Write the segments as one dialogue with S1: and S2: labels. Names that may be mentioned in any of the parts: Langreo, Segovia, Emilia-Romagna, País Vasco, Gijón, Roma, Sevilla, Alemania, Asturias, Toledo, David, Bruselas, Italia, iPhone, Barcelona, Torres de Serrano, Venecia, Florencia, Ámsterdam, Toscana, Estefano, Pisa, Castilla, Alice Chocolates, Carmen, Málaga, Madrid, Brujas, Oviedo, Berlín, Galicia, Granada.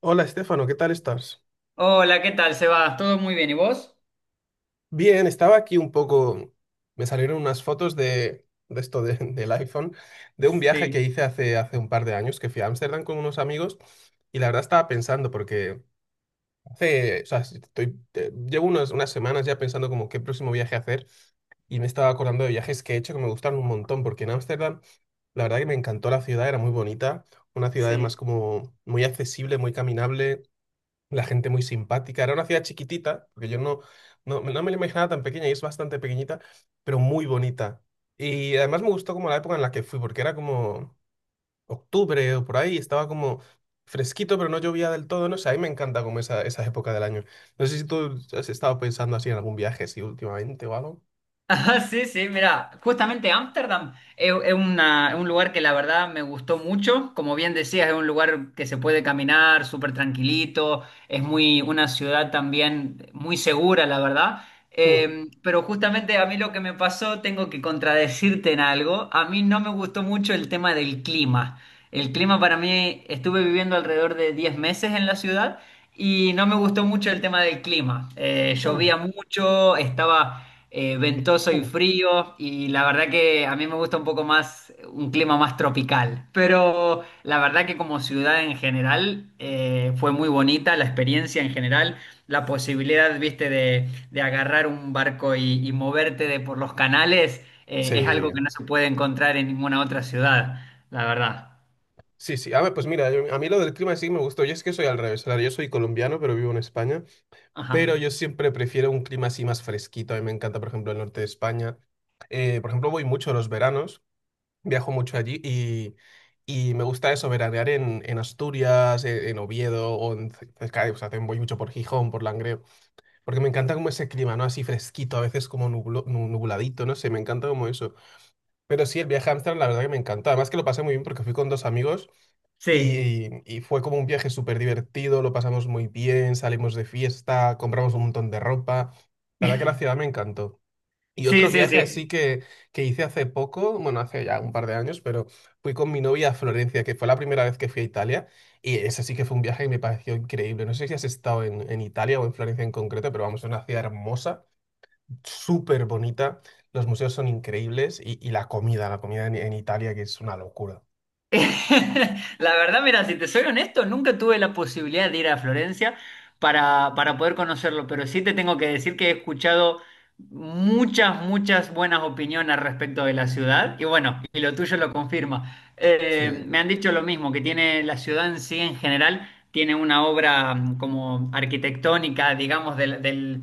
S1: Hola, Estefano, ¿qué tal estás?
S2: Hola, ¿qué tal, Sebas? ¿Todo muy bien? ¿Y vos?
S1: Bien, estaba aquí un poco. Me salieron unas fotos de esto del iPhone, de un viaje que
S2: Sí,
S1: hice hace un par de años, que fui a Ámsterdam con unos amigos, y la verdad estaba pensando, porque hace, o sea, si estoy, llevo unas semanas ya pensando como qué próximo viaje hacer, y me estaba acordando de viajes que he hecho que me gustaron un montón, porque en Ámsterdam la verdad que me encantó la ciudad, era muy bonita, una ciudad además
S2: sí.
S1: como muy accesible, muy caminable. La gente muy simpática. Era una ciudad chiquitita, porque yo no, no, no me la imaginaba tan pequeña y es bastante pequeñita, pero muy bonita. Y además me gustó como la época en la que fui, porque era como octubre o por ahí, estaba como fresquito, pero no llovía del todo. No sé, a mí me encanta como esa época del año. No sé si tú has estado pensando así en algún viaje, sí, últimamente o algo.
S2: Ajá, sí, sí, mira, justamente Ámsterdam es un lugar que la verdad me gustó mucho. Como bien decías, es un lugar que se puede caminar súper tranquilito, es una ciudad también muy segura, la verdad.
S1: Mm.
S2: Pero justamente a mí lo que me pasó, tengo que contradecirte en algo. A mí no me gustó mucho el tema del clima. El clima para mí, estuve viviendo alrededor de 10 meses en la ciudad y no me gustó mucho el tema del clima.
S1: Mm.
S2: Llovía mucho, estaba ventoso y
S1: Mm.
S2: frío, y la verdad que a mí me gusta un poco más, un clima más tropical, pero la verdad que como ciudad en general fue muy bonita la experiencia en general, la posibilidad, viste, de agarrar un barco y moverte de por los canales, es
S1: Sí,
S2: algo que no se puede encontrar en ninguna otra ciudad, la verdad.
S1: sí, sí. A ver, pues mira, a mí lo del clima sí me gustó. Yo es que soy al revés. O sea, yo soy colombiano, pero vivo en España. Pero
S2: Ajá.
S1: yo siempre prefiero un clima así más fresquito. A mí me encanta, por ejemplo, el norte de España. Por ejemplo, voy mucho los veranos, viajo mucho allí y me gusta eso, veranear en Asturias, en Oviedo o en cerca de, o sea, también voy mucho por Gijón, por Langreo, porque me encanta como ese clima, ¿no? Así fresquito, a veces como nubladito, no sé, me encanta como eso. Pero sí, el viaje a Ámsterdam, la verdad que me encantó. Además que lo pasé muy bien porque fui con dos amigos
S2: Sí,
S1: y fue como un viaje súper divertido, lo pasamos muy bien, salimos de fiesta, compramos un montón de ropa. La verdad que la ciudad me encantó. Y
S2: sí,
S1: otro
S2: sí,
S1: viaje así
S2: sí.
S1: que hice hace poco, bueno, hace ya un par de años, pero fui con mi novia a Florencia, que fue la primera vez que fui a Italia. Y ese sí que fue un viaje que me pareció increíble. No sé si has estado en Italia o en Florencia en concreto, pero vamos, es una ciudad hermosa, súper bonita, los museos son increíbles y la comida en Italia que es una locura.
S2: La verdad, mira, si te soy honesto, nunca tuve la posibilidad de ir a Florencia para poder conocerlo, pero sí te tengo que decir que he escuchado muchas, muchas buenas opiniones respecto de la ciudad y bueno, y lo tuyo lo confirma.
S1: Sí.
S2: Me han dicho lo mismo, que tiene la ciudad en sí en general, tiene una obra como arquitectónica, digamos,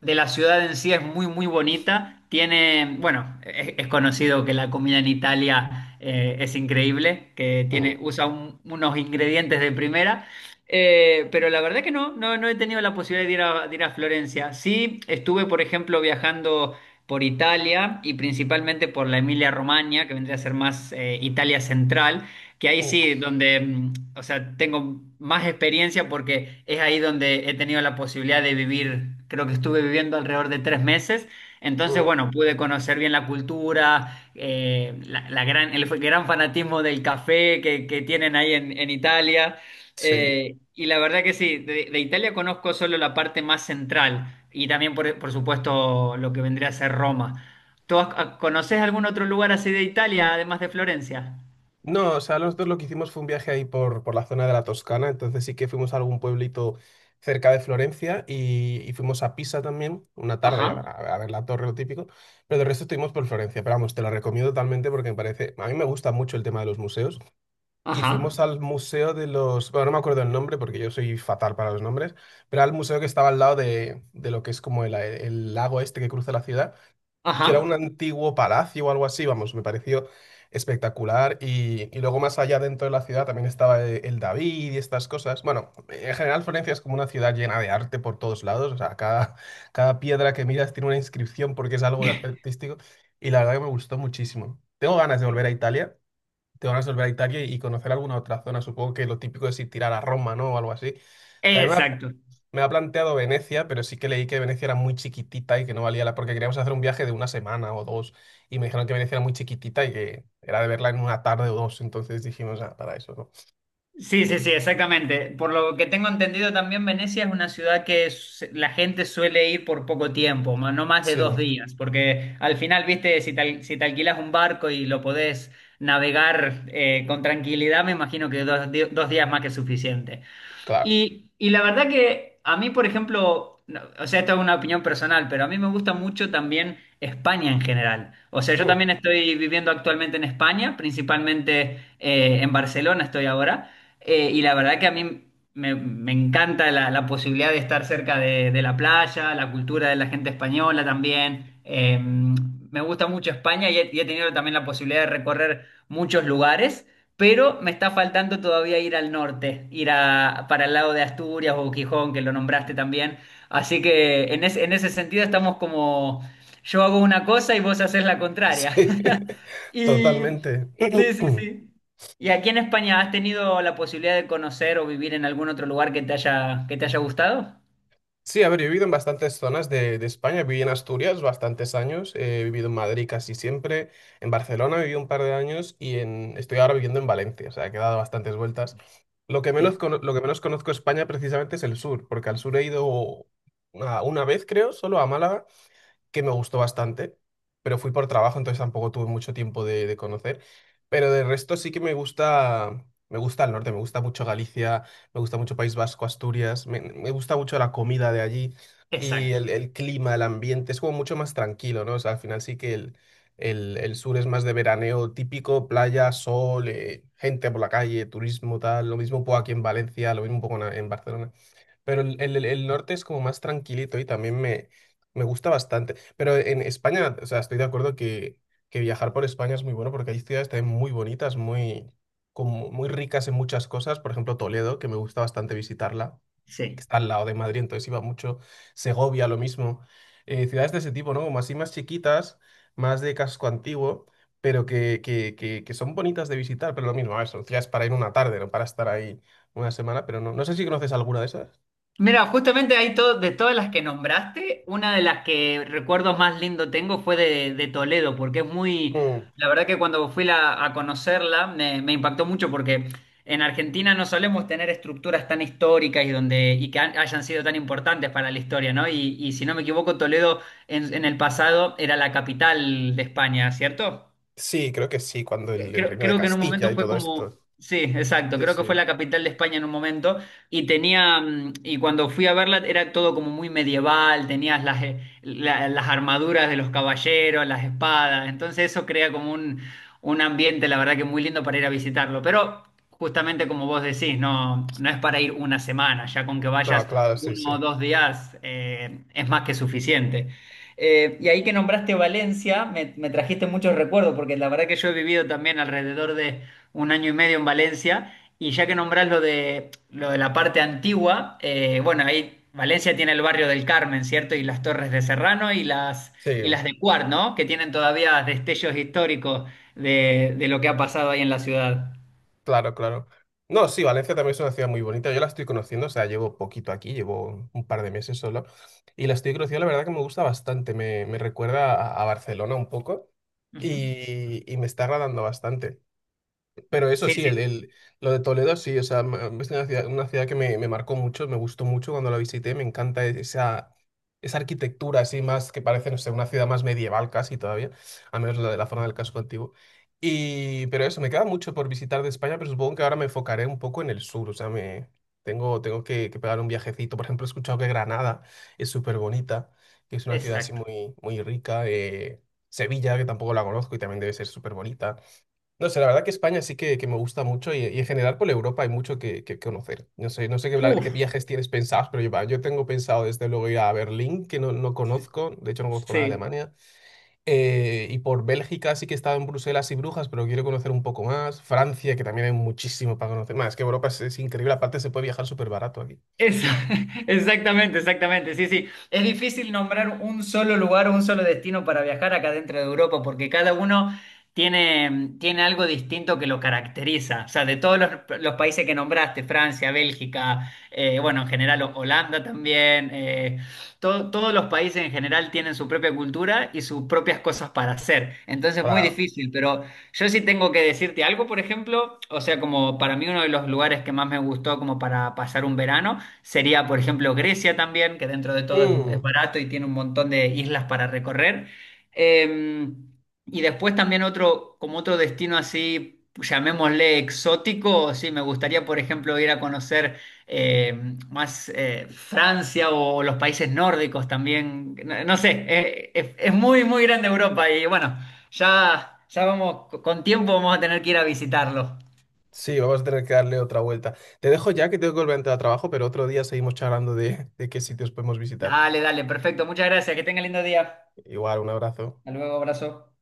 S2: de la ciudad en sí es muy, muy bonita. Tiene, bueno, es conocido que la comida en Italia es increíble, que
S1: Mm,
S2: tiene, usa unos ingredientes de primera. Pero la verdad que no, no, no he tenido la posibilidad de ir a Florencia. Sí, estuve, por ejemplo, viajando por Italia y principalmente por la Emilia-Romagna, que vendría a ser más Italia central. Que ahí
S1: mm,
S2: sí, donde, o sea, tengo más experiencia porque es ahí donde he tenido la posibilidad de vivir, creo que estuve viviendo alrededor de 3 meses, entonces,
S1: mm,
S2: bueno, pude conocer bien la cultura, la gran, el gran fanatismo del café que tienen ahí en Italia,
S1: sí.
S2: y la verdad que sí, de Italia conozco solo la parte más central y también, por supuesto, lo que vendría a ser Roma. ¿Tú has- conoces algún otro lugar así de Italia, además de Florencia?
S1: No, o sea, nosotros lo que hicimos fue un viaje ahí por la zona de la Toscana, entonces sí que fuimos a algún pueblito cerca de Florencia y fuimos a Pisa también, una tarde,
S2: Ajá.
S1: a ver la torre, lo típico, pero del resto estuvimos por Florencia, pero vamos, te lo recomiendo totalmente porque me parece, a mí me gusta mucho el tema de los museos. Y fuimos
S2: Ajá,
S1: al museo de los, bueno, no me acuerdo el nombre porque yo soy fatal para los nombres, pero al museo que estaba al lado de lo que es como el lago este que cruza la ciudad, que era un
S2: ajá,
S1: antiguo palacio o algo así, vamos, me pareció espectacular y luego más allá dentro de la ciudad también estaba el David y estas cosas. Bueno, en general Florencia es como una ciudad llena de arte por todos lados, o sea, cada piedra que miras tiene una inscripción porque es algo artístico y la verdad que me gustó muchísimo. Tengo ganas de volver a Italia, te van a resolver a Italia y conocer alguna otra zona. Supongo que lo típico es ir tirar a Roma, ¿no? O algo así. También me ha,
S2: exacto.
S1: Me ha planteado Venecia, pero sí que leí que Venecia era muy chiquitita y que no valía la... porque queríamos hacer un viaje de una semana o dos y me dijeron que Venecia era muy chiquitita y que era de verla en una tarde o dos. Entonces dijimos, ah, para eso, ¿no?
S2: Sí, sí, sí, exactamente. Por lo que tengo entendido también, Venecia es una ciudad que la gente suele ir por poco tiempo, no más de
S1: Sí,
S2: dos días, porque al final, viste, si te, si te alquilas un barco y lo podés navegar con tranquilidad, me imagino que dos días más que suficiente.
S1: claro.
S2: Y la verdad que a mí, por ejemplo, o sea, esto es una opinión personal, pero a mí me gusta mucho también España en general. O sea, yo
S1: Hmm,
S2: también estoy viviendo actualmente en España, principalmente en Barcelona estoy ahora, y la verdad que a mí me, me encanta la posibilidad de estar cerca de la playa, la cultura de la gente española también. Me gusta mucho España y he tenido también la posibilidad de recorrer muchos lugares. Pero me está faltando todavía ir al norte, ir a, para el lado de Asturias o Gijón, que lo nombraste también. Así que en ese sentido estamos como, yo hago una cosa y vos haces la contraria.
S1: sí,
S2: Y
S1: totalmente.
S2: sí, sí, sí. ¿Y aquí en España has tenido la posibilidad de conocer o vivir en algún otro lugar que te haya gustado?
S1: Sí, a ver, yo he vivido en bastantes zonas de España. Viví en Asturias bastantes años, he vivido en Madrid casi siempre, en Barcelona viví un par de años y en, estoy ahora viviendo en Valencia, o sea, que he dado bastantes vueltas. Lo que menos,
S2: Sí,
S1: lo que menos conozco de España precisamente es el sur, porque al sur he ido una vez, creo, solo a Málaga, que me gustó bastante, pero fui por trabajo, entonces tampoco tuve mucho tiempo de conocer. Pero de resto sí que me gusta el norte, me gusta mucho Galicia, me gusta mucho País Vasco, Asturias, me gusta mucho la comida de allí y
S2: exacto.
S1: el clima, el ambiente, es como mucho más tranquilo, ¿no? O sea, al final sí que el sur es más de veraneo típico, playa, sol, gente por la calle, turismo, tal, lo mismo un poco aquí en Valencia, lo mismo un poco en Barcelona. Pero el norte es como más tranquilito y también me gusta bastante. Pero en España, o sea, estoy de acuerdo que viajar por España es muy bueno porque hay ciudades también muy bonitas, muy, como muy ricas en muchas cosas. Por ejemplo, Toledo, que me gusta bastante visitarla, que
S2: Sí.
S1: está al lado de Madrid, entonces iba mucho. Segovia, lo mismo. Ciudades de ese tipo, ¿no? Como así más chiquitas, más de casco antiguo, pero que son bonitas de visitar. Pero lo mismo, a ver, son ciudades para ir una tarde, no para estar ahí una semana. Pero no, no sé si conoces alguna de esas.
S2: Mira, justamente hay todo, de todas las que nombraste, una de las que recuerdo más lindo tengo fue de Toledo, porque es muy,
S1: Mm,
S2: la verdad que cuando fui a conocerla me, me impactó mucho porque en Argentina no solemos tener estructuras tan históricas y donde y que hayan sido tan importantes para la historia, ¿no? Y si no me equivoco, Toledo en el pasado era la capital de España, ¿cierto?
S1: sí, creo que sí, cuando el
S2: Creo,
S1: reino de
S2: creo que en un
S1: Castilla
S2: momento
S1: y
S2: fue
S1: todo esto.
S2: como, sí, exacto,
S1: Sí,
S2: creo
S1: sí.
S2: que fue la capital de España en un momento y tenía, y cuando fui a verla era todo como muy medieval, tenías las, las armaduras de los caballeros, las espadas, entonces eso crea como un ambiente, la verdad que muy lindo para ir a visitarlo, pero justamente como vos decís, no, no es para ir una semana, ya con que
S1: No,
S2: vayas
S1: claro, sí, sí.
S2: uno o dos días es más que suficiente. Y ahí que nombraste Valencia, me trajiste muchos recuerdos, porque la verdad que yo he vivido también alrededor de 1 año y medio en Valencia, y ya que nombrás lo de la parte antigua, bueno, ahí Valencia tiene el barrio del Carmen, ¿cierto? Y las Torres de Serrano
S1: Sí,
S2: y las de Cuart, ¿no? Que tienen todavía destellos históricos de lo que ha pasado ahí en la ciudad.
S1: claro, claro. No, sí, Valencia también es una ciudad muy bonita. Yo la estoy conociendo, o sea, llevo poquito aquí, llevo un par de meses solo. Y la estoy conociendo, la verdad que me gusta bastante. Me recuerda a Barcelona un poco
S2: Ujú.
S1: y me está agradando bastante. Pero eso
S2: Sí,
S1: sí,
S2: sí,
S1: lo de Toledo sí, o sea, es una ciudad que me marcó mucho, me gustó mucho cuando la visité, me encanta e, esa arquitectura así más que parece, no sé, una ciudad más medieval casi todavía, al menos la de la zona del casco antiguo. Y, pero eso, me queda mucho por visitar de España, pero supongo que ahora me enfocaré un poco en el sur, o sea, me, tengo, tengo que pegar un viajecito. Por ejemplo, he escuchado que Granada es súper bonita, que es una ciudad así
S2: exacto.
S1: muy, muy rica. Sevilla, que tampoco la conozco y también debe ser súper bonita. No sé, la verdad que España sí que me gusta mucho y en general por Europa hay mucho que conocer. No sé, no sé qué,
S2: Uf,
S1: qué viajes tienes pensados, pero yo, va, yo tengo pensado desde luego ir a Berlín, que no, no conozco, de hecho no conozco nada de
S2: sí.
S1: Alemania, y por Bélgica sí que he estado en Bruselas y Brujas, pero quiero conocer un poco más. Francia, que también hay muchísimo para conocer. Más, es que Europa es increíble, aparte se puede viajar súper barato aquí.
S2: Esa- exactamente, exactamente. Sí, sí. Es difícil nombrar un solo lugar o un solo destino para viajar acá dentro de Europa, porque cada uno tiene, tiene algo distinto que lo caracteriza. O sea, de todos los países que nombraste, Francia, Bélgica, bueno, en general Holanda también, todos los países en general tienen su propia cultura y sus propias cosas para hacer. Entonces, es muy
S1: Claro.
S2: difícil, pero... Yo sí tengo que decirte algo, por ejemplo, o sea, como para mí uno de los lugares que más me gustó como para pasar un verano sería, por ejemplo, Grecia también, que dentro de todo es
S1: Mm,
S2: barato y tiene un montón de islas para recorrer. Eh, y después también otro, como otro destino así, llamémosle exótico, sí, me gustaría, por ejemplo, ir a conocer eh, más Francia o los países nórdicos también. No, no sé, es muy, muy grande Europa y bueno, ya vamos, con tiempo vamos a tener que ir a visitarlo.
S1: sí, vamos a tener que darle otra vuelta. Te dejo ya que tengo que volver a entrar a trabajo, pero otro día seguimos charlando de qué sitios podemos visitar.
S2: Dale, dale, perfecto. Muchas gracias, que tenga lindo día.
S1: Igual, un abrazo.
S2: Hasta luego, abrazo.